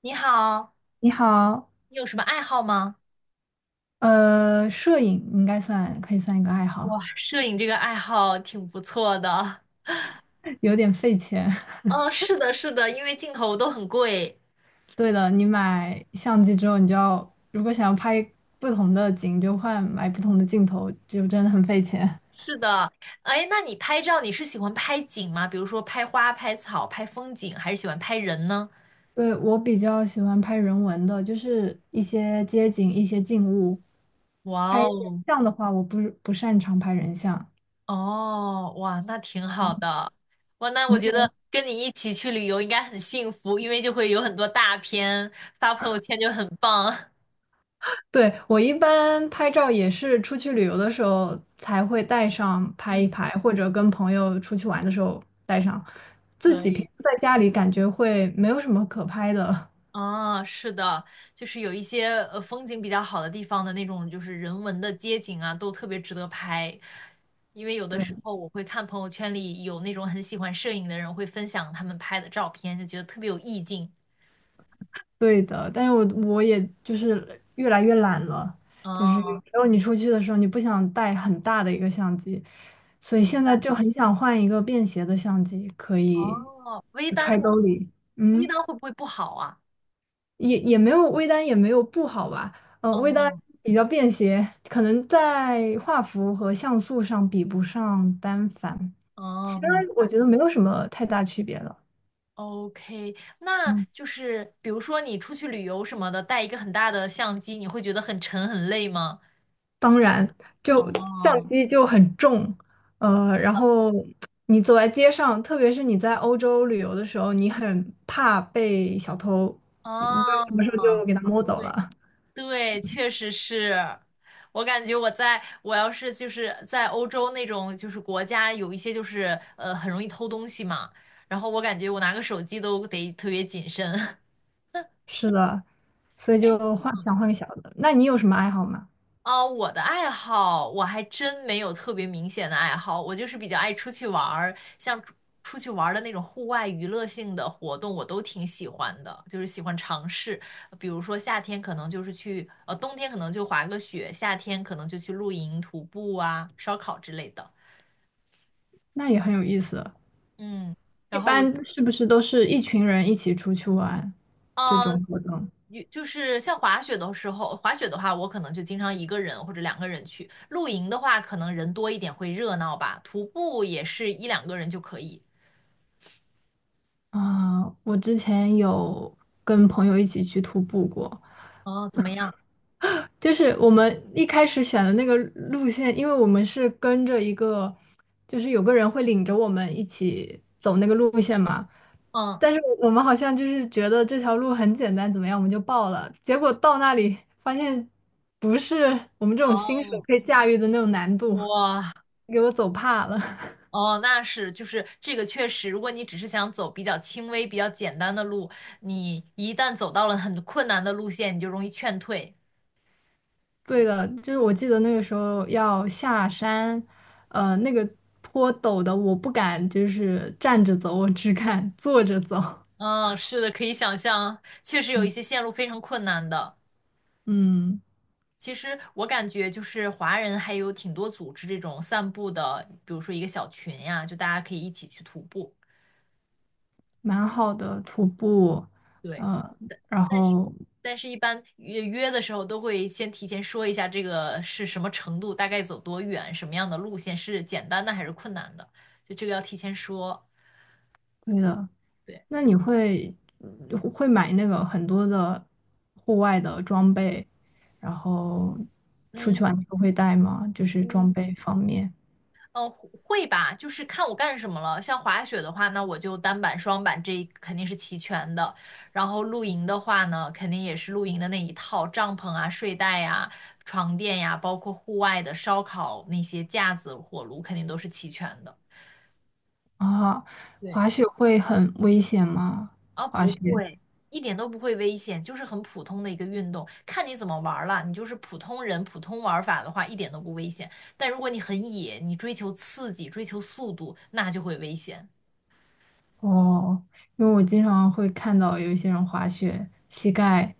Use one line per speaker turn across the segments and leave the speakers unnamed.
你好，
你好，
你有什么爱好吗？
摄影应该算可以算一个爱
哇，
好，
摄影这个爱好挺不错的。
有点费钱。
嗯，是的，是的，因为镜头都很贵。
对的，你买相机之后，你就要如果想要拍不同的景，就换买不同的镜头，就真的很费钱。
是的，哎，那你拍照你是喜欢拍景吗？比如说拍花、拍草、拍风景，还是喜欢拍人呢？
对，我比较喜欢拍人文的，就是一些街景、一些静物。拍
哇
人
哦，
像的话，我不擅长拍人像。
哦，哇，那挺好的。哇，那
你？
我觉得跟你一起去旅游应该很幸福，因为就会有很多大片，发朋友圈就很棒。
对，我一般拍照也是出去旅游的时候才会带上拍一拍，或者跟朋友出去玩的时候带上。自
可
己平
以。
时在家里感觉会没有什么可拍的
啊，是的，就是有一些风景比较好的地方的那种，就是人文的街景啊，都特别值得拍。因为有 的时
对
候我会看朋友圈里有那种很喜欢摄影的人会分享他们拍的照片，就觉得特别有意境。
对的。但是我也就是越来越懒了，就是有
哦，
时候你出去的时候你不想带很大的一个相机，所以
明
现在
白。
就很想换一个便携的相机，可以
哦，微
就
单呢？
揣兜里。
微
嗯。
单会不会不好啊？
也没有微单也没有不好吧，微单
哦，
比较便携，可能在画幅和像素上比不上单反，
哦，
其他
明
我
白。
觉得没有什么太大区别了。
OK，那
嗯，
就是比如说你出去旅游什么的，带一个很大的相机，你会觉得很沉很累吗？
当然，就相
哦。
机就很重，然后你走在街上，特别是你在欧洲旅游的时候，你很怕被小偷，嗯不知道什么时候
哦，
就给他摸走
对
了。
对，确实是。我感觉我要是就是在欧洲那种就是国家有一些就是很容易偷东西嘛，然后我感觉我拿个手机都得特别谨慎。
是的，所以 就换想换个小的。那你有什么爱好吗？
啊，我的爱好我还真没有特别明显的爱好，我就是比较爱出去玩儿，像出去玩儿的那种户外娱乐性的活动，我都挺喜欢的，就是喜欢尝试。比如说夏天可能就是去，冬天可能就滑个雪，夏天可能就去露营、徒步啊、烧烤之类的。
那也很有意思。
嗯，
一
然后我，
般是不是都是一群人一起出去玩这
呃
种活动？
有就是像滑雪的时候，滑雪的话，我可能就经常一个人或者两个人去。露营的话，可能人多一点会热闹吧。徒步也是一两个人就可以。
啊、我之前有跟朋友一起去徒步过，
哦，怎么样？
就是我们一开始选的那个路线，因为我们是跟着一个，就是有个人会领着我们一起走那个路线嘛。
嗯，
但是我们好像就是觉得这条路很简单，怎么样，我们就报了。结果到那里发现不是我们这种新手
哦，
可以驾驭的那种难度，
哇，
给我走怕了。
哦，那是，就是这个确实，如果你只是想走比较轻微、比较简单的路，你一旦走到了很困难的路线，你就容易劝退。
对的，就是我记得那个时候要下山，那个坡陡的，我不敢就是站着走，我只敢坐着走。
嗯，是的，可以想象，确实有一
嗯，
些线路非常困难的。
嗯
其实我感觉就是华人还有挺多组织这种散步的，比如说一个小群呀，就大家可以一起去徒步。
蛮好的徒步，
对，
呃，然
但是
后
但是一般约的时候都会先提前说一下这个是什么程度，大概走多远，什么样的路线是简单的还是困难的，就这个要提前说。
对的，
对，
那你会嗯会买那个很多的户外的装备，然后出去
嗯
玩的时候会带吗？就是
嗯，
装备方面
呃，会吧，就是看我干什么了。像滑雪的话，那我就单板、双板这一肯定是齐全的。然后露营的话呢，肯定也是露营的那一套，帐篷啊、睡袋呀、床垫呀，包括户外的烧烤那些架子、火炉，肯定都是齐全的。
啊，
对，
滑雪会很危险吗？
啊，
滑
不
雪？
会，一点都不会危险，就是很普通的一个运动，看你怎么玩儿了。你就是普通人、普通玩法的话，一点都不危险。但如果你很野，你追求刺激、追求速度，那就会危险。
哦，因为我经常会看到有一些人滑雪膝盖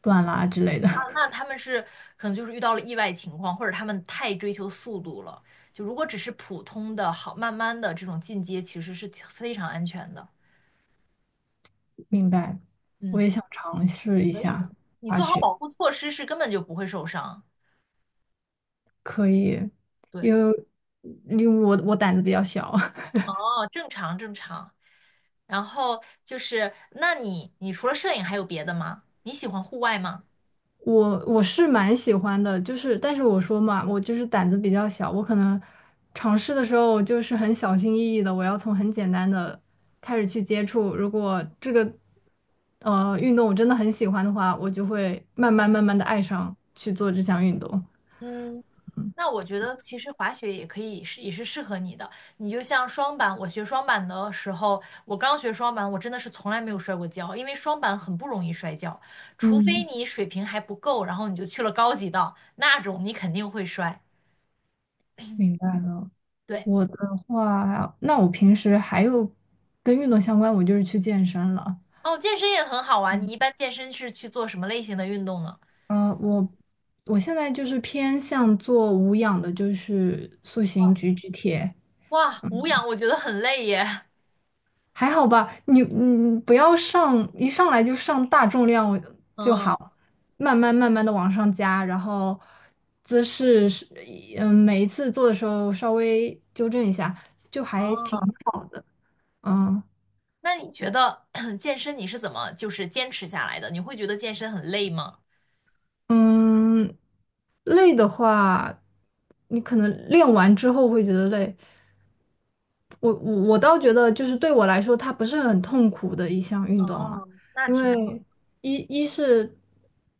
断啦之类的，
那他们是可能就是遇到了意外情况，或者他们太追求速度了。就如果只是普通的好，慢慢的这种进阶，其实是非常安全的。
明白。我
嗯，
也想尝试一
可以
下，
的。你做好保护措施是根本就不会受伤。对，
因为因为我胆子比较小，
哦，正常正常。然后就是，那你除了摄影还有别的吗？你喜欢户外吗？
我是蛮喜欢的，就是但是我说嘛，我就是胆子比较小，我可能尝试的时候我就是很小心翼翼的，我要从很简单的开始去接触。如果这个运动我真的很喜欢的话，我就会慢慢慢慢的爱上去做这项运动。
嗯，那我觉得其实滑雪也可以是也是适合你的。你就像双板，我学双板的时候，我刚学双板，我真的是从来没有摔过跤，因为双板很不容易摔跤，除非
嗯，
你水平还不够，然后你就去了高级道，那种你肯定会摔。
明白了。
对，
我的话，那我平时还有跟运动相关，我就是去健身了。
哦，健身也很好玩。你
嗯，
一般健身是去做什么类型的运动呢？
我我现在就是偏向做无氧的，就是塑形举举铁，
哇，无氧我觉得很累耶。
还好吧。你不要上一上来就上大重量就
嗯，
好，慢慢慢慢的往上加，然后姿势是嗯每一次做的时候稍微纠正一下，就还挺
哦，
好的。嗯，
那你觉得 健身你是怎么就是坚持下来的？你会觉得健身很累吗？
嗯，累的话，你可能练完之后会觉得累，我倒觉得，就是对我来说，它不是很痛苦的一项运动啊，
哦，那
因
挺好。
为一一是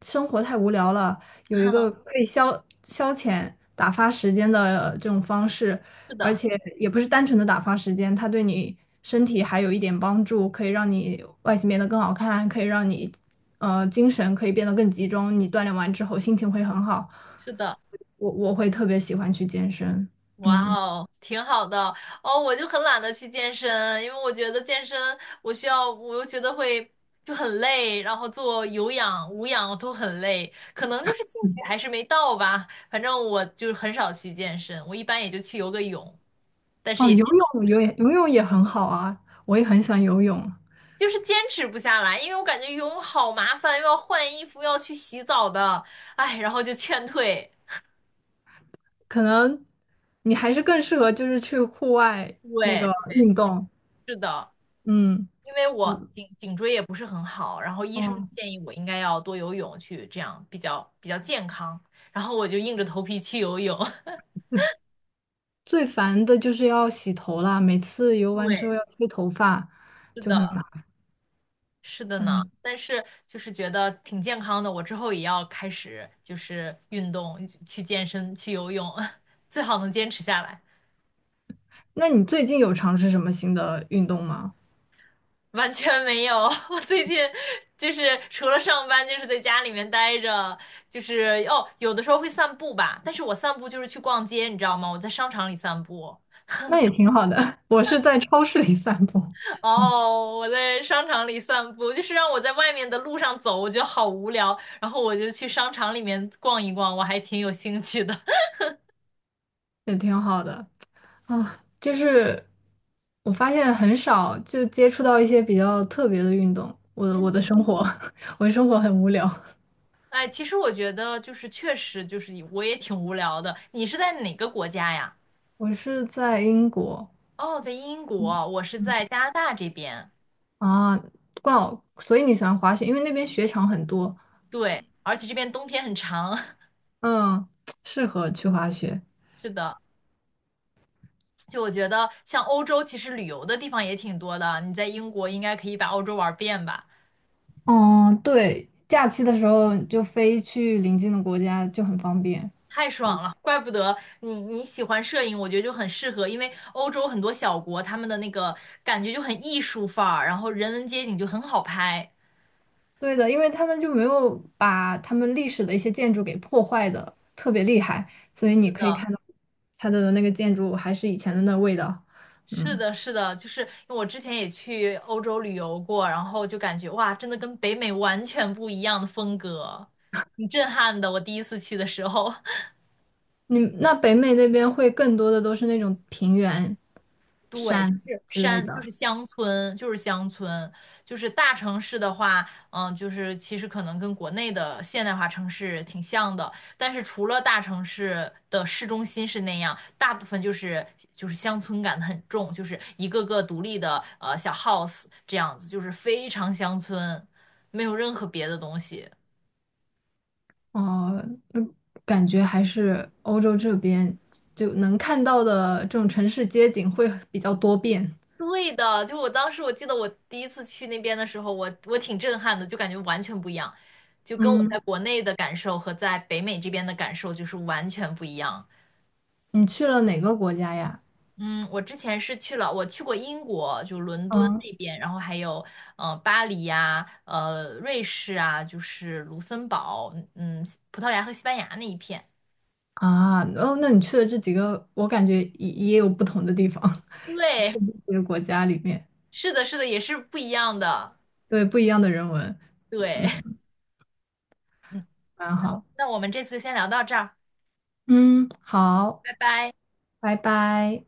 生活太无聊了，有一个 可以消消遣、打发时间的这种方式，
是
而
的，
且也不是单纯的打发时间，它对你身体还有一点帮助，可以让你外形变得更好看，可以让你精神可以变得更集中，你锻炼完之后心情会很好，
是的，
我会特别喜欢去健身，
哇
嗯。
哦，挺好的哦。我就很懒得去健身，因为我觉得健身我需要，我又觉得会就很累，然后做有氧、无氧都很累，可能就是兴趣还是没到吧。反正我就很少去健身，我一般也就去游个泳，但是
哦，
也
游
坚持不
泳
了，
游泳游泳也很好啊，我也很喜欢游泳。
就是坚持不下来，因为我感觉游泳好麻烦，又要换衣服，又要去洗澡的，哎，然后就劝退。
可能你还是更适合就是去户外那
对，
个运动。
是的。
嗯，
因为
我
我颈椎也不是很好，然后医生
哦，
建议我应该要多游泳，去这样比较健康，然后我就硬着头皮去游泳。
最烦的就是要洗头啦，每次游完之
对，
后要吹头发，
是
就很
的，
麻烦。
是的呢。
嗯
但是就是觉得挺健康的，我之后也要开始就是运动，去健身，去游泳，最好能坚持下来。
那你最近有尝试什么新的运动吗？
完全没有，我最近就是除了上班，就是在家里面待着，就是哦，有的时候会散步吧，但是我散步就是去逛街，你知道吗？我在商场里散步，
那也挺好的，我是在超市里散步，
哦，我在商场里散步，就是让我在外面的路上走，我觉得好无聊，然后我就去商场里面逛一逛，我还挺有兴趣的。
也挺好的。啊，就是我发现很少就接触到一些比较特别的运动。我的
嗯，
生活，我的生活很无聊。
哎，其实我觉得就是确实就是我也挺无聊的。你是在哪个国家呀？
我是在英国
哦，在英国，我是在加拿大这边。
啊，刚好，所以你喜欢滑雪，因为那边雪场很多，
对，而且这边冬天很长，
嗯，适合去滑雪。
是的。就我觉得，像欧洲其实旅游的地方也挺多的。你在英国应该可以把欧洲玩遍吧？
嗯，对，假期的时候就飞去邻近的国家就很方便。
太爽了，怪不得你喜欢摄影，我觉得就很适合，因为欧洲很多小国，他们的那个感觉就很艺术范儿，然后人文街景就很好拍。
对的，因为他们就没有把他们历史的一些建筑给破坏的特别厉害，所以你可以看到它的那个建筑还是以前的那味道。
是
嗯，
的，是的，就是因为我之前也去欧洲旅游过，然后就感觉哇，真的跟北美完全不一样的风格，挺震撼的。我第一次去的时候。
你那北美那边会更多的都是那种平原、
对，就
山
是
之类
山，
的。
就是乡村，就是大城市的话，嗯，就是其实可能跟国内的现代化城市挺像的，但是除了大城市的市中心是那样，大部分就是乡村感很重，就是一个个独立的小 house 这样子，就是非常乡村，没有任何别的东西。
哦，嗯感觉还是欧洲这边就能看到的这种城市街景会比较多变。
对的，就我当时我记得我第一次去那边的时候，我挺震撼的，就感觉完全不一样，就跟我在
嗯，
国内的感受和在北美这边的感受就是完全不一样。
你去了哪个国家呀？
嗯，我之前是去了，我去过英国，就伦敦
嗯。
那边，然后还有巴黎呀、瑞士啊，就是卢森堡，嗯，葡萄牙和西班牙那一片。
啊，哦，那你去的这几个，我感觉也有不同的地方，就
对，
去的这些国家里面，
是的，是的，也是不一样的。
对，不一样的人文，
对，
嗯，
嗯，
蛮好，
那我们这次先聊到这儿，
嗯，好，
拜拜。
拜拜。